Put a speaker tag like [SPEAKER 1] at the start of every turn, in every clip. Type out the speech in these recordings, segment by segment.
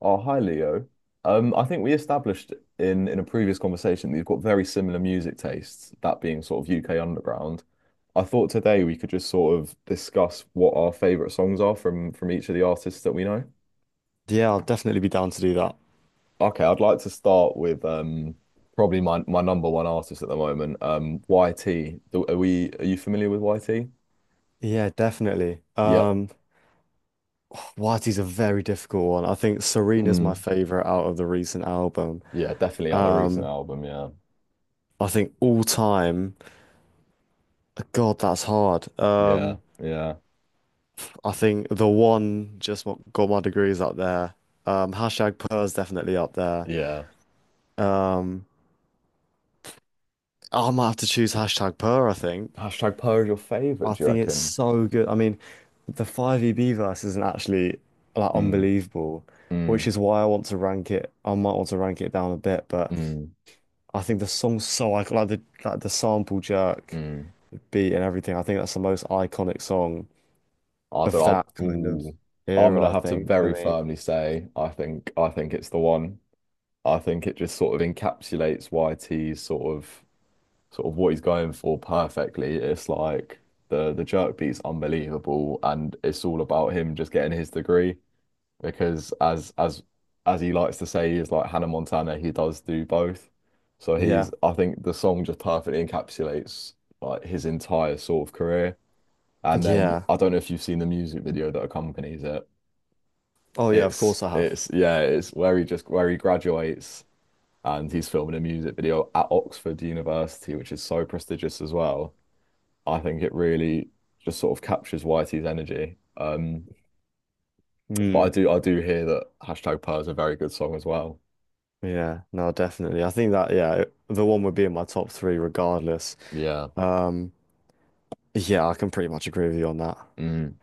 [SPEAKER 1] Oh, hi Leo. I think we established in a previous conversation that you've got very similar music tastes, that being sort of UK underground. I thought today we could just sort of discuss what our favorite songs are from each of the artists that we know.
[SPEAKER 2] Yeah, I'll definitely be down to do that.
[SPEAKER 1] Okay, I'd like to start with probably my number one artist at the moment, YT. Are you familiar with YT?
[SPEAKER 2] Yeah, definitely.
[SPEAKER 1] Yep.
[SPEAKER 2] Wadi's a very difficult one. I think Serena's my
[SPEAKER 1] Mm.
[SPEAKER 2] favorite out of the recent album.
[SPEAKER 1] Yeah, definitely at the recent
[SPEAKER 2] Um,
[SPEAKER 1] album. Yeah,
[SPEAKER 2] I think all time, God, that's hard.
[SPEAKER 1] yeah, yeah,
[SPEAKER 2] I think the one just what got my degree is up there. Hashtag Purr's definitely up there.
[SPEAKER 1] yeah.
[SPEAKER 2] Um, I might have to choose hashtag Purr, I think.
[SPEAKER 1] Hashtag Poe is your favorite,
[SPEAKER 2] I
[SPEAKER 1] do you
[SPEAKER 2] think it's
[SPEAKER 1] reckon?
[SPEAKER 2] so good. I mean, the 5EB verse isn't actually like
[SPEAKER 1] Hmm.
[SPEAKER 2] unbelievable, which
[SPEAKER 1] Mm,
[SPEAKER 2] is why I want to rank it. I might want to rank it down a bit, but
[SPEAKER 1] mm,
[SPEAKER 2] I think the song's so iconic, like the sample jerk
[SPEAKER 1] mm.
[SPEAKER 2] beat and everything. I think that's the most iconic song
[SPEAKER 1] I don't
[SPEAKER 2] of
[SPEAKER 1] know.
[SPEAKER 2] that kind of
[SPEAKER 1] Ooh, I'm
[SPEAKER 2] era,
[SPEAKER 1] gonna
[SPEAKER 2] I
[SPEAKER 1] have to
[SPEAKER 2] think. I
[SPEAKER 1] very
[SPEAKER 2] mean,
[SPEAKER 1] firmly say I think it's the one. I think it just sort of encapsulates YT's sort of what he's going for perfectly. It's like the jerk beat's unbelievable, and it's all about him just getting his degree because as as he likes to say, he's like Hannah Montana. He does do both. So he's
[SPEAKER 2] yeah.
[SPEAKER 1] I think the song just perfectly encapsulates like his entire sort of career. And then
[SPEAKER 2] Yeah.
[SPEAKER 1] I don't know if you've seen the music video that accompanies it.
[SPEAKER 2] Oh yeah, of
[SPEAKER 1] It's
[SPEAKER 2] course I have.
[SPEAKER 1] it's yeah, it's where he just where he graduates and he's filming a music video at Oxford University, which is so prestigious as well. I think it really just sort of captures Whitey's energy. But
[SPEAKER 2] Mm,
[SPEAKER 1] I do hear that hashtag Pearl is a very good song as well.
[SPEAKER 2] yeah, no, definitely. I think that yeah, the one would be in my top three regardless.
[SPEAKER 1] Yeah.
[SPEAKER 2] Um, yeah, I can pretty much agree with you on that.
[SPEAKER 1] Mm.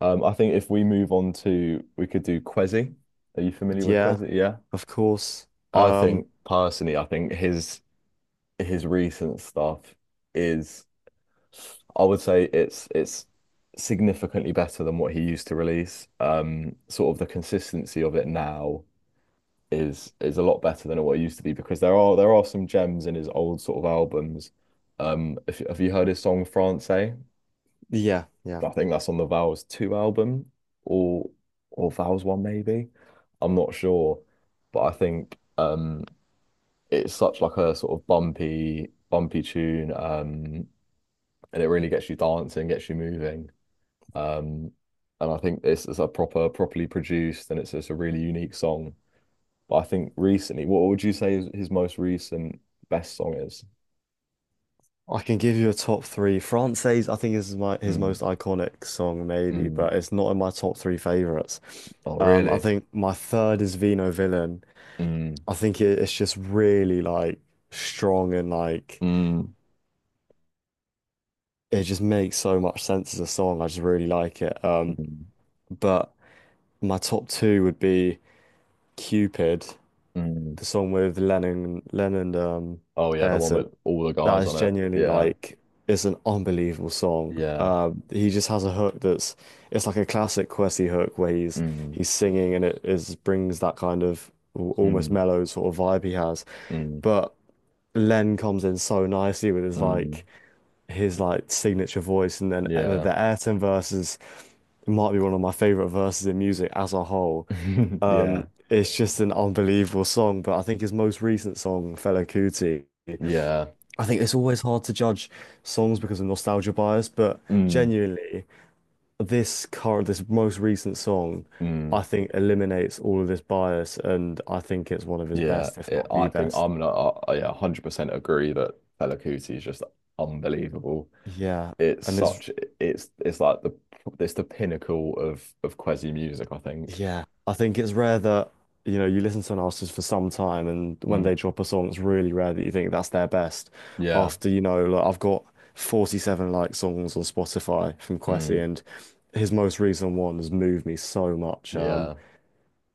[SPEAKER 1] I think if we move on to, we could do Kwezi. Are you familiar with
[SPEAKER 2] Yeah.
[SPEAKER 1] Kwezi? Yeah.
[SPEAKER 2] Of course.
[SPEAKER 1] I
[SPEAKER 2] Um,
[SPEAKER 1] think personally, I think his recent stuff is, I would say it's significantly better than what he used to release. Sort of the consistency of it now is a lot better than what it used to be, because there are some gems in his old sort of albums. If Have you heard his song Francais?
[SPEAKER 2] yeah, yeah.
[SPEAKER 1] I think that's on the Vows 2 album or or Vows 1 maybe. I'm not sure, but I think it's such like a sort of bumpy tune, and it really gets you dancing, gets you moving. Um, and I think this is a proper, properly produced, and it's just a really unique song. But I think recently, what would you say is his most recent best song is?
[SPEAKER 2] I can give you a top three. Frances, I think, is my his
[SPEAKER 1] Mm,
[SPEAKER 2] most iconic song, maybe,
[SPEAKER 1] mm.
[SPEAKER 2] but it's not in my top three favorites.
[SPEAKER 1] Oh,
[SPEAKER 2] I
[SPEAKER 1] really?
[SPEAKER 2] think my third is Vino Villain.
[SPEAKER 1] Mm,
[SPEAKER 2] I think it's just really like strong and like
[SPEAKER 1] mm,
[SPEAKER 2] it just makes so much sense as a song. I just really like it.
[SPEAKER 1] mm,
[SPEAKER 2] But my top two would be Cupid,
[SPEAKER 1] mm.
[SPEAKER 2] the song with Lennon,
[SPEAKER 1] Oh, yeah, the one
[SPEAKER 2] Ayrton.
[SPEAKER 1] with all the
[SPEAKER 2] That
[SPEAKER 1] guys
[SPEAKER 2] is
[SPEAKER 1] on it.
[SPEAKER 2] genuinely
[SPEAKER 1] Yeah,
[SPEAKER 2] like it's an unbelievable song.
[SPEAKER 1] yeah.
[SPEAKER 2] He just has a hook that's it's like a classic Kwesi hook where he's
[SPEAKER 1] Mm,
[SPEAKER 2] he's singing and it is brings that kind of almost
[SPEAKER 1] mm,
[SPEAKER 2] mellow sort of vibe he has.
[SPEAKER 1] mm,
[SPEAKER 2] But Len comes in so nicely with his
[SPEAKER 1] mm.
[SPEAKER 2] like his signature voice, and then the,
[SPEAKER 1] Yeah,
[SPEAKER 2] the Ayrton verses might be one of my favorite verses in music as a whole.
[SPEAKER 1] yeah,
[SPEAKER 2] It's just an unbelievable song. But I think his most recent song, Fela Kuti.
[SPEAKER 1] yeah.
[SPEAKER 2] I think it's always hard to judge songs because of nostalgia bias, but
[SPEAKER 1] Mm,
[SPEAKER 2] genuinely, this most recent song,
[SPEAKER 1] mm.
[SPEAKER 2] I think eliminates all of this bias, and I think it's one of his
[SPEAKER 1] Yeah,
[SPEAKER 2] best, if not the
[SPEAKER 1] I think
[SPEAKER 2] best.
[SPEAKER 1] I'm not, I- yeah, 100% agree that Fela Kuti is just unbelievable.
[SPEAKER 2] Yeah,
[SPEAKER 1] It's
[SPEAKER 2] and it's
[SPEAKER 1] such, it's like the it's the pinnacle of Kwezi music, I think.
[SPEAKER 2] yeah, I think it's rare that you know you listen to an artist for some time, and when
[SPEAKER 1] Mm,
[SPEAKER 2] they drop a song, it's really rare that you think that's their best.
[SPEAKER 1] yeah,
[SPEAKER 2] After you know, like I've got 47 like songs on Spotify from Kwesi,
[SPEAKER 1] mm,
[SPEAKER 2] and his most recent one has moved me so much.
[SPEAKER 1] yeah.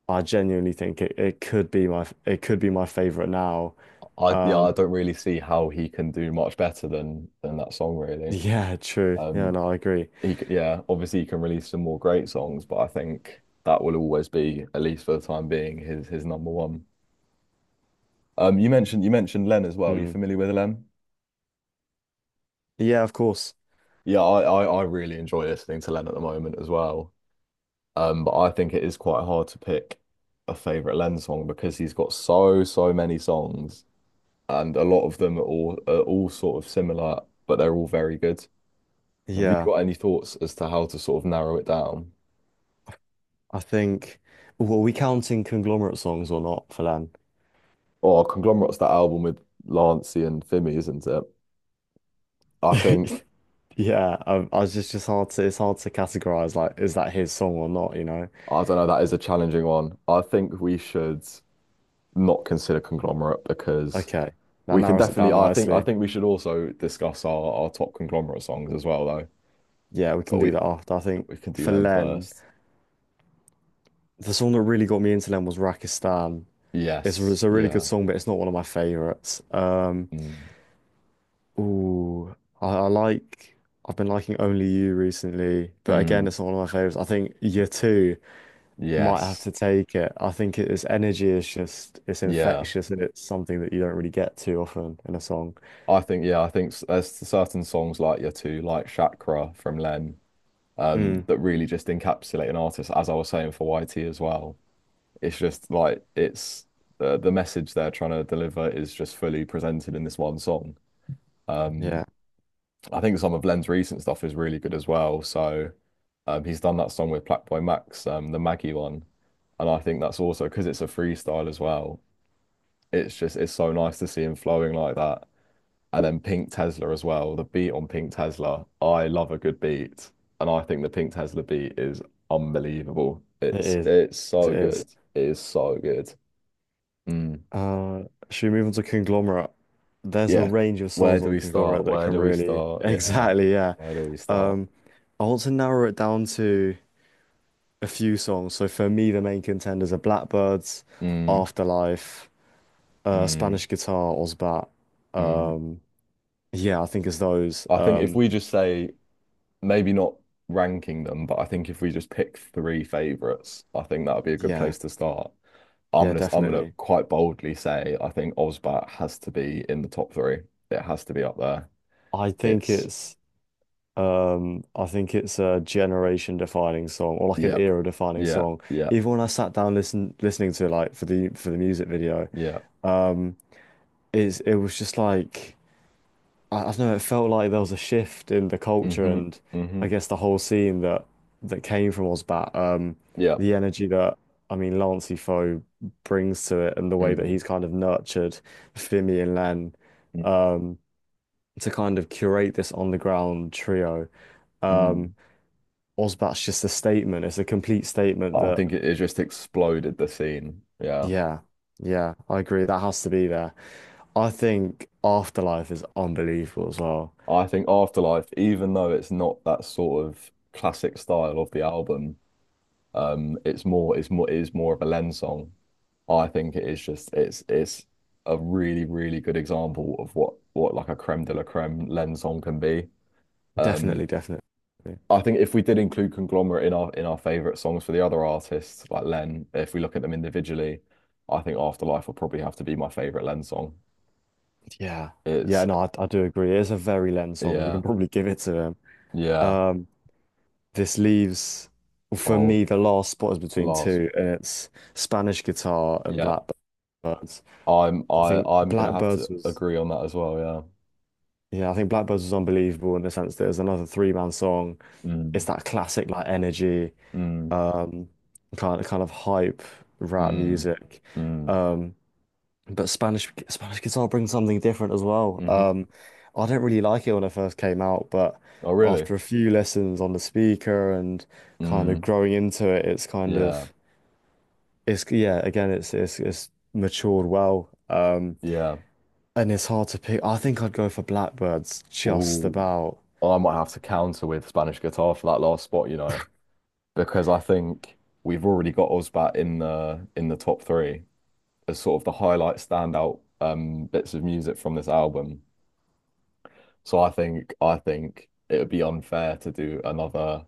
[SPEAKER 2] I genuinely think it could be my it could be my favorite now.
[SPEAKER 1] I Yeah,
[SPEAKER 2] Um,
[SPEAKER 1] I don't really see how he can do much better than that song, really.
[SPEAKER 2] yeah, true. Yeah,
[SPEAKER 1] Um,
[SPEAKER 2] no, I agree.
[SPEAKER 1] yeah, obviously he can release some more great songs, but I think that will always be, at least for the time being, his number one. You mentioned Len as well. You
[SPEAKER 2] Mm.
[SPEAKER 1] familiar with Len?
[SPEAKER 2] Yeah, of course.
[SPEAKER 1] Yeah, I really enjoy listening to Len at the moment as well. But I think it is quite hard to pick a favorite Len song, because he's got so, so many songs, and a lot of them are all sort of similar, but they're all very good. Have you
[SPEAKER 2] Yeah,
[SPEAKER 1] got any thoughts as to how to sort of narrow it down?
[SPEAKER 2] I think. Well, are we counting conglomerate songs or not, Phelan?
[SPEAKER 1] Or Conglomerate's that album with Lancey and Fimi, isn't it? I think
[SPEAKER 2] Yeah, I was just hard to it's hard to categorize. Like, is that his song or not? You know?
[SPEAKER 1] I don't know, that is a challenging one. I think we should not consider Conglomerate because,
[SPEAKER 2] Okay, that
[SPEAKER 1] we can
[SPEAKER 2] narrows it
[SPEAKER 1] definitely.
[SPEAKER 2] down
[SPEAKER 1] I
[SPEAKER 2] nicely.
[SPEAKER 1] think we should also discuss our top conglomerate songs as well, though.
[SPEAKER 2] Yeah, we
[SPEAKER 1] But
[SPEAKER 2] can do that after. I think
[SPEAKER 1] we can do
[SPEAKER 2] for
[SPEAKER 1] them
[SPEAKER 2] Len,
[SPEAKER 1] first.
[SPEAKER 2] the song that really got me into Len was Rakistan.
[SPEAKER 1] Yes.
[SPEAKER 2] It's a really good
[SPEAKER 1] Yeah.
[SPEAKER 2] song, but it's not one of my favorites.
[SPEAKER 1] Mm.
[SPEAKER 2] Ooh, I like. I've been liking Only You recently, but again,
[SPEAKER 1] Mm.
[SPEAKER 2] it's not one of my favorites. I think Year Two might have
[SPEAKER 1] Yes.
[SPEAKER 2] to take it. I think its energy is just it's
[SPEAKER 1] Yeah.
[SPEAKER 2] infectious and it's something that you don't really get too often in a song.
[SPEAKER 1] I think. Yeah. There's certain songs like your two, like Chakra from Len,
[SPEAKER 2] Mm,
[SPEAKER 1] that really just encapsulate an artist. As I was saying for YT as well, it's just like it's the message they're trying to deliver is just fully presented in this one song. Um,
[SPEAKER 2] yeah,
[SPEAKER 1] I think some of Len's recent stuff is really good as well. So he's done that song with Blackboy Max, the Maggie one, and I think that's also because it's a freestyle as well. It's so nice to see him flowing like that. And then Pink Tesla as well. The beat on Pink Tesla, I love a good beat, and I think the Pink Tesla beat is unbelievable.
[SPEAKER 2] it
[SPEAKER 1] It's
[SPEAKER 2] is.
[SPEAKER 1] it's
[SPEAKER 2] It
[SPEAKER 1] so
[SPEAKER 2] is.
[SPEAKER 1] good. It is so good. Mm.
[SPEAKER 2] Uh, should we move on to Conglomerate? There's a
[SPEAKER 1] Yeah.
[SPEAKER 2] range of
[SPEAKER 1] Where
[SPEAKER 2] songs
[SPEAKER 1] do
[SPEAKER 2] on
[SPEAKER 1] we start?
[SPEAKER 2] Conglomerate that
[SPEAKER 1] Where
[SPEAKER 2] can
[SPEAKER 1] do we
[SPEAKER 2] really
[SPEAKER 1] start? Yeah.
[SPEAKER 2] exactly yeah.
[SPEAKER 1] Where do we start?
[SPEAKER 2] Um, I want to narrow it down to a few songs. So for me, the main contenders are Blackbirds,
[SPEAKER 1] Mm,
[SPEAKER 2] Afterlife,
[SPEAKER 1] mm,
[SPEAKER 2] Spanish Guitar, Ozbat.
[SPEAKER 1] mm.
[SPEAKER 2] Um, yeah, I think it's those.
[SPEAKER 1] I think if we just say maybe not ranking them, but I think if we just pick three favorites, I think that would be a good
[SPEAKER 2] Yeah,
[SPEAKER 1] place to start.
[SPEAKER 2] yeah,
[SPEAKER 1] I'm gonna
[SPEAKER 2] definitely.
[SPEAKER 1] quite boldly say I think Osbat has to be in the top three. It has to be up there.
[SPEAKER 2] I think
[SPEAKER 1] It's
[SPEAKER 2] it's I think it's a generation defining song or like an
[SPEAKER 1] yep,
[SPEAKER 2] era defining
[SPEAKER 1] yep,
[SPEAKER 2] song.
[SPEAKER 1] yep,
[SPEAKER 2] Even when I sat down listening to it, like for the music video,
[SPEAKER 1] yep.
[SPEAKER 2] um, it was just like. I don't know, it felt like there was a shift in the culture
[SPEAKER 1] Mm-hmm.
[SPEAKER 2] and
[SPEAKER 1] Mm-hmm.
[SPEAKER 2] I guess the whole scene that came from Ozbat.
[SPEAKER 1] Yep.
[SPEAKER 2] The energy that I mean Lancey brings to it and the way that he's
[SPEAKER 1] Mm,
[SPEAKER 2] kind of nurtured Fimi and Len,
[SPEAKER 1] mm,
[SPEAKER 2] um, to kind of curate this on the ground trio. Um,
[SPEAKER 1] mm.
[SPEAKER 2] Ozbat's just a statement. It's a complete statement
[SPEAKER 1] I
[SPEAKER 2] that
[SPEAKER 1] think it just exploded the scene. Yeah.
[SPEAKER 2] yeah, yeah, I agree. That has to be there. I think Afterlife is unbelievable as well.
[SPEAKER 1] I think Afterlife, even though it's not that sort of classic style of the album, it is more of a Len song. I think it is just, it's a really, really good example of what, like a creme de la creme Len song can be. Um,
[SPEAKER 2] Definitely, definitely.
[SPEAKER 1] I think if we did include Conglomerate in our favorite songs for the other artists, like Len, if we look at them individually, I think Afterlife will probably have to be my favorite Len song.
[SPEAKER 2] Yeah,
[SPEAKER 1] It's
[SPEAKER 2] yeah, no, I do agree. It is a very Len song. We
[SPEAKER 1] yeah,
[SPEAKER 2] can probably give it to him.
[SPEAKER 1] yeah.
[SPEAKER 2] Um, this leaves, for
[SPEAKER 1] Oh,
[SPEAKER 2] me, the last spot is between
[SPEAKER 1] last,
[SPEAKER 2] two, and it's Spanish guitar and
[SPEAKER 1] yeah.
[SPEAKER 2] Blackbirds. I think
[SPEAKER 1] I'm gonna have
[SPEAKER 2] Blackbirds
[SPEAKER 1] to
[SPEAKER 2] was,
[SPEAKER 1] agree on that as well. Yeah.
[SPEAKER 2] yeah, I think Blackbirds was unbelievable in the sense that it was another three-man song. It's
[SPEAKER 1] Mm,
[SPEAKER 2] that classic like energy,
[SPEAKER 1] mm.
[SPEAKER 2] um, kind of hype rap
[SPEAKER 1] Mm,
[SPEAKER 2] music.
[SPEAKER 1] mm,
[SPEAKER 2] Um, But Spanish guitar brings something different as well.
[SPEAKER 1] hmm
[SPEAKER 2] I didn't really like it when it first came out, but
[SPEAKER 1] Oh, really?
[SPEAKER 2] after a few lessons on the speaker and kind of
[SPEAKER 1] Mm,
[SPEAKER 2] growing into it, it's kind
[SPEAKER 1] yeah,
[SPEAKER 2] of it's yeah, again, it's it's matured well.
[SPEAKER 1] yeah.
[SPEAKER 2] And it's hard to pick. I think I'd go for Blackbirds just
[SPEAKER 1] Ooh.
[SPEAKER 2] about.
[SPEAKER 1] Oh, I might have to counter with Spanish guitar for that last spot, you know, because I think we've already got Ozbat in the top three as sort of the highlight standout bits of music from this album. So I think it would be unfair to do another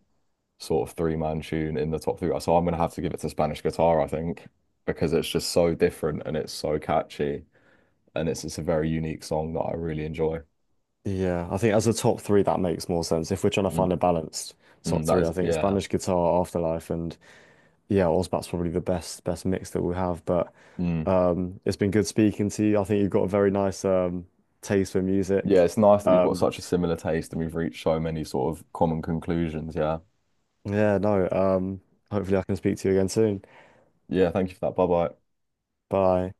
[SPEAKER 1] sort of three-man tune in the top three. So I'm gonna have to give it to Spanish guitar, I think, because it's just so different and it's so catchy. And it's a very unique song that I really enjoy.
[SPEAKER 2] Yeah, I think as a top three, that makes more sense. If we're trying to
[SPEAKER 1] Mm,
[SPEAKER 2] find a balanced top
[SPEAKER 1] That
[SPEAKER 2] three, I
[SPEAKER 1] is,
[SPEAKER 2] think
[SPEAKER 1] yeah.
[SPEAKER 2] Spanish guitar, Afterlife, and yeah, Ozbat's probably the best mix that we have. But
[SPEAKER 1] Mm.
[SPEAKER 2] it's been good speaking to you. I think you've got a very nice taste for
[SPEAKER 1] Yeah,
[SPEAKER 2] music.
[SPEAKER 1] it's nice that we've got
[SPEAKER 2] Um,
[SPEAKER 1] such a similar taste and we've reached so many sort of common conclusions. Yeah.
[SPEAKER 2] yeah, no. Hopefully, I can speak to you again soon.
[SPEAKER 1] Yeah, thank you for that. Bye bye.
[SPEAKER 2] Bye.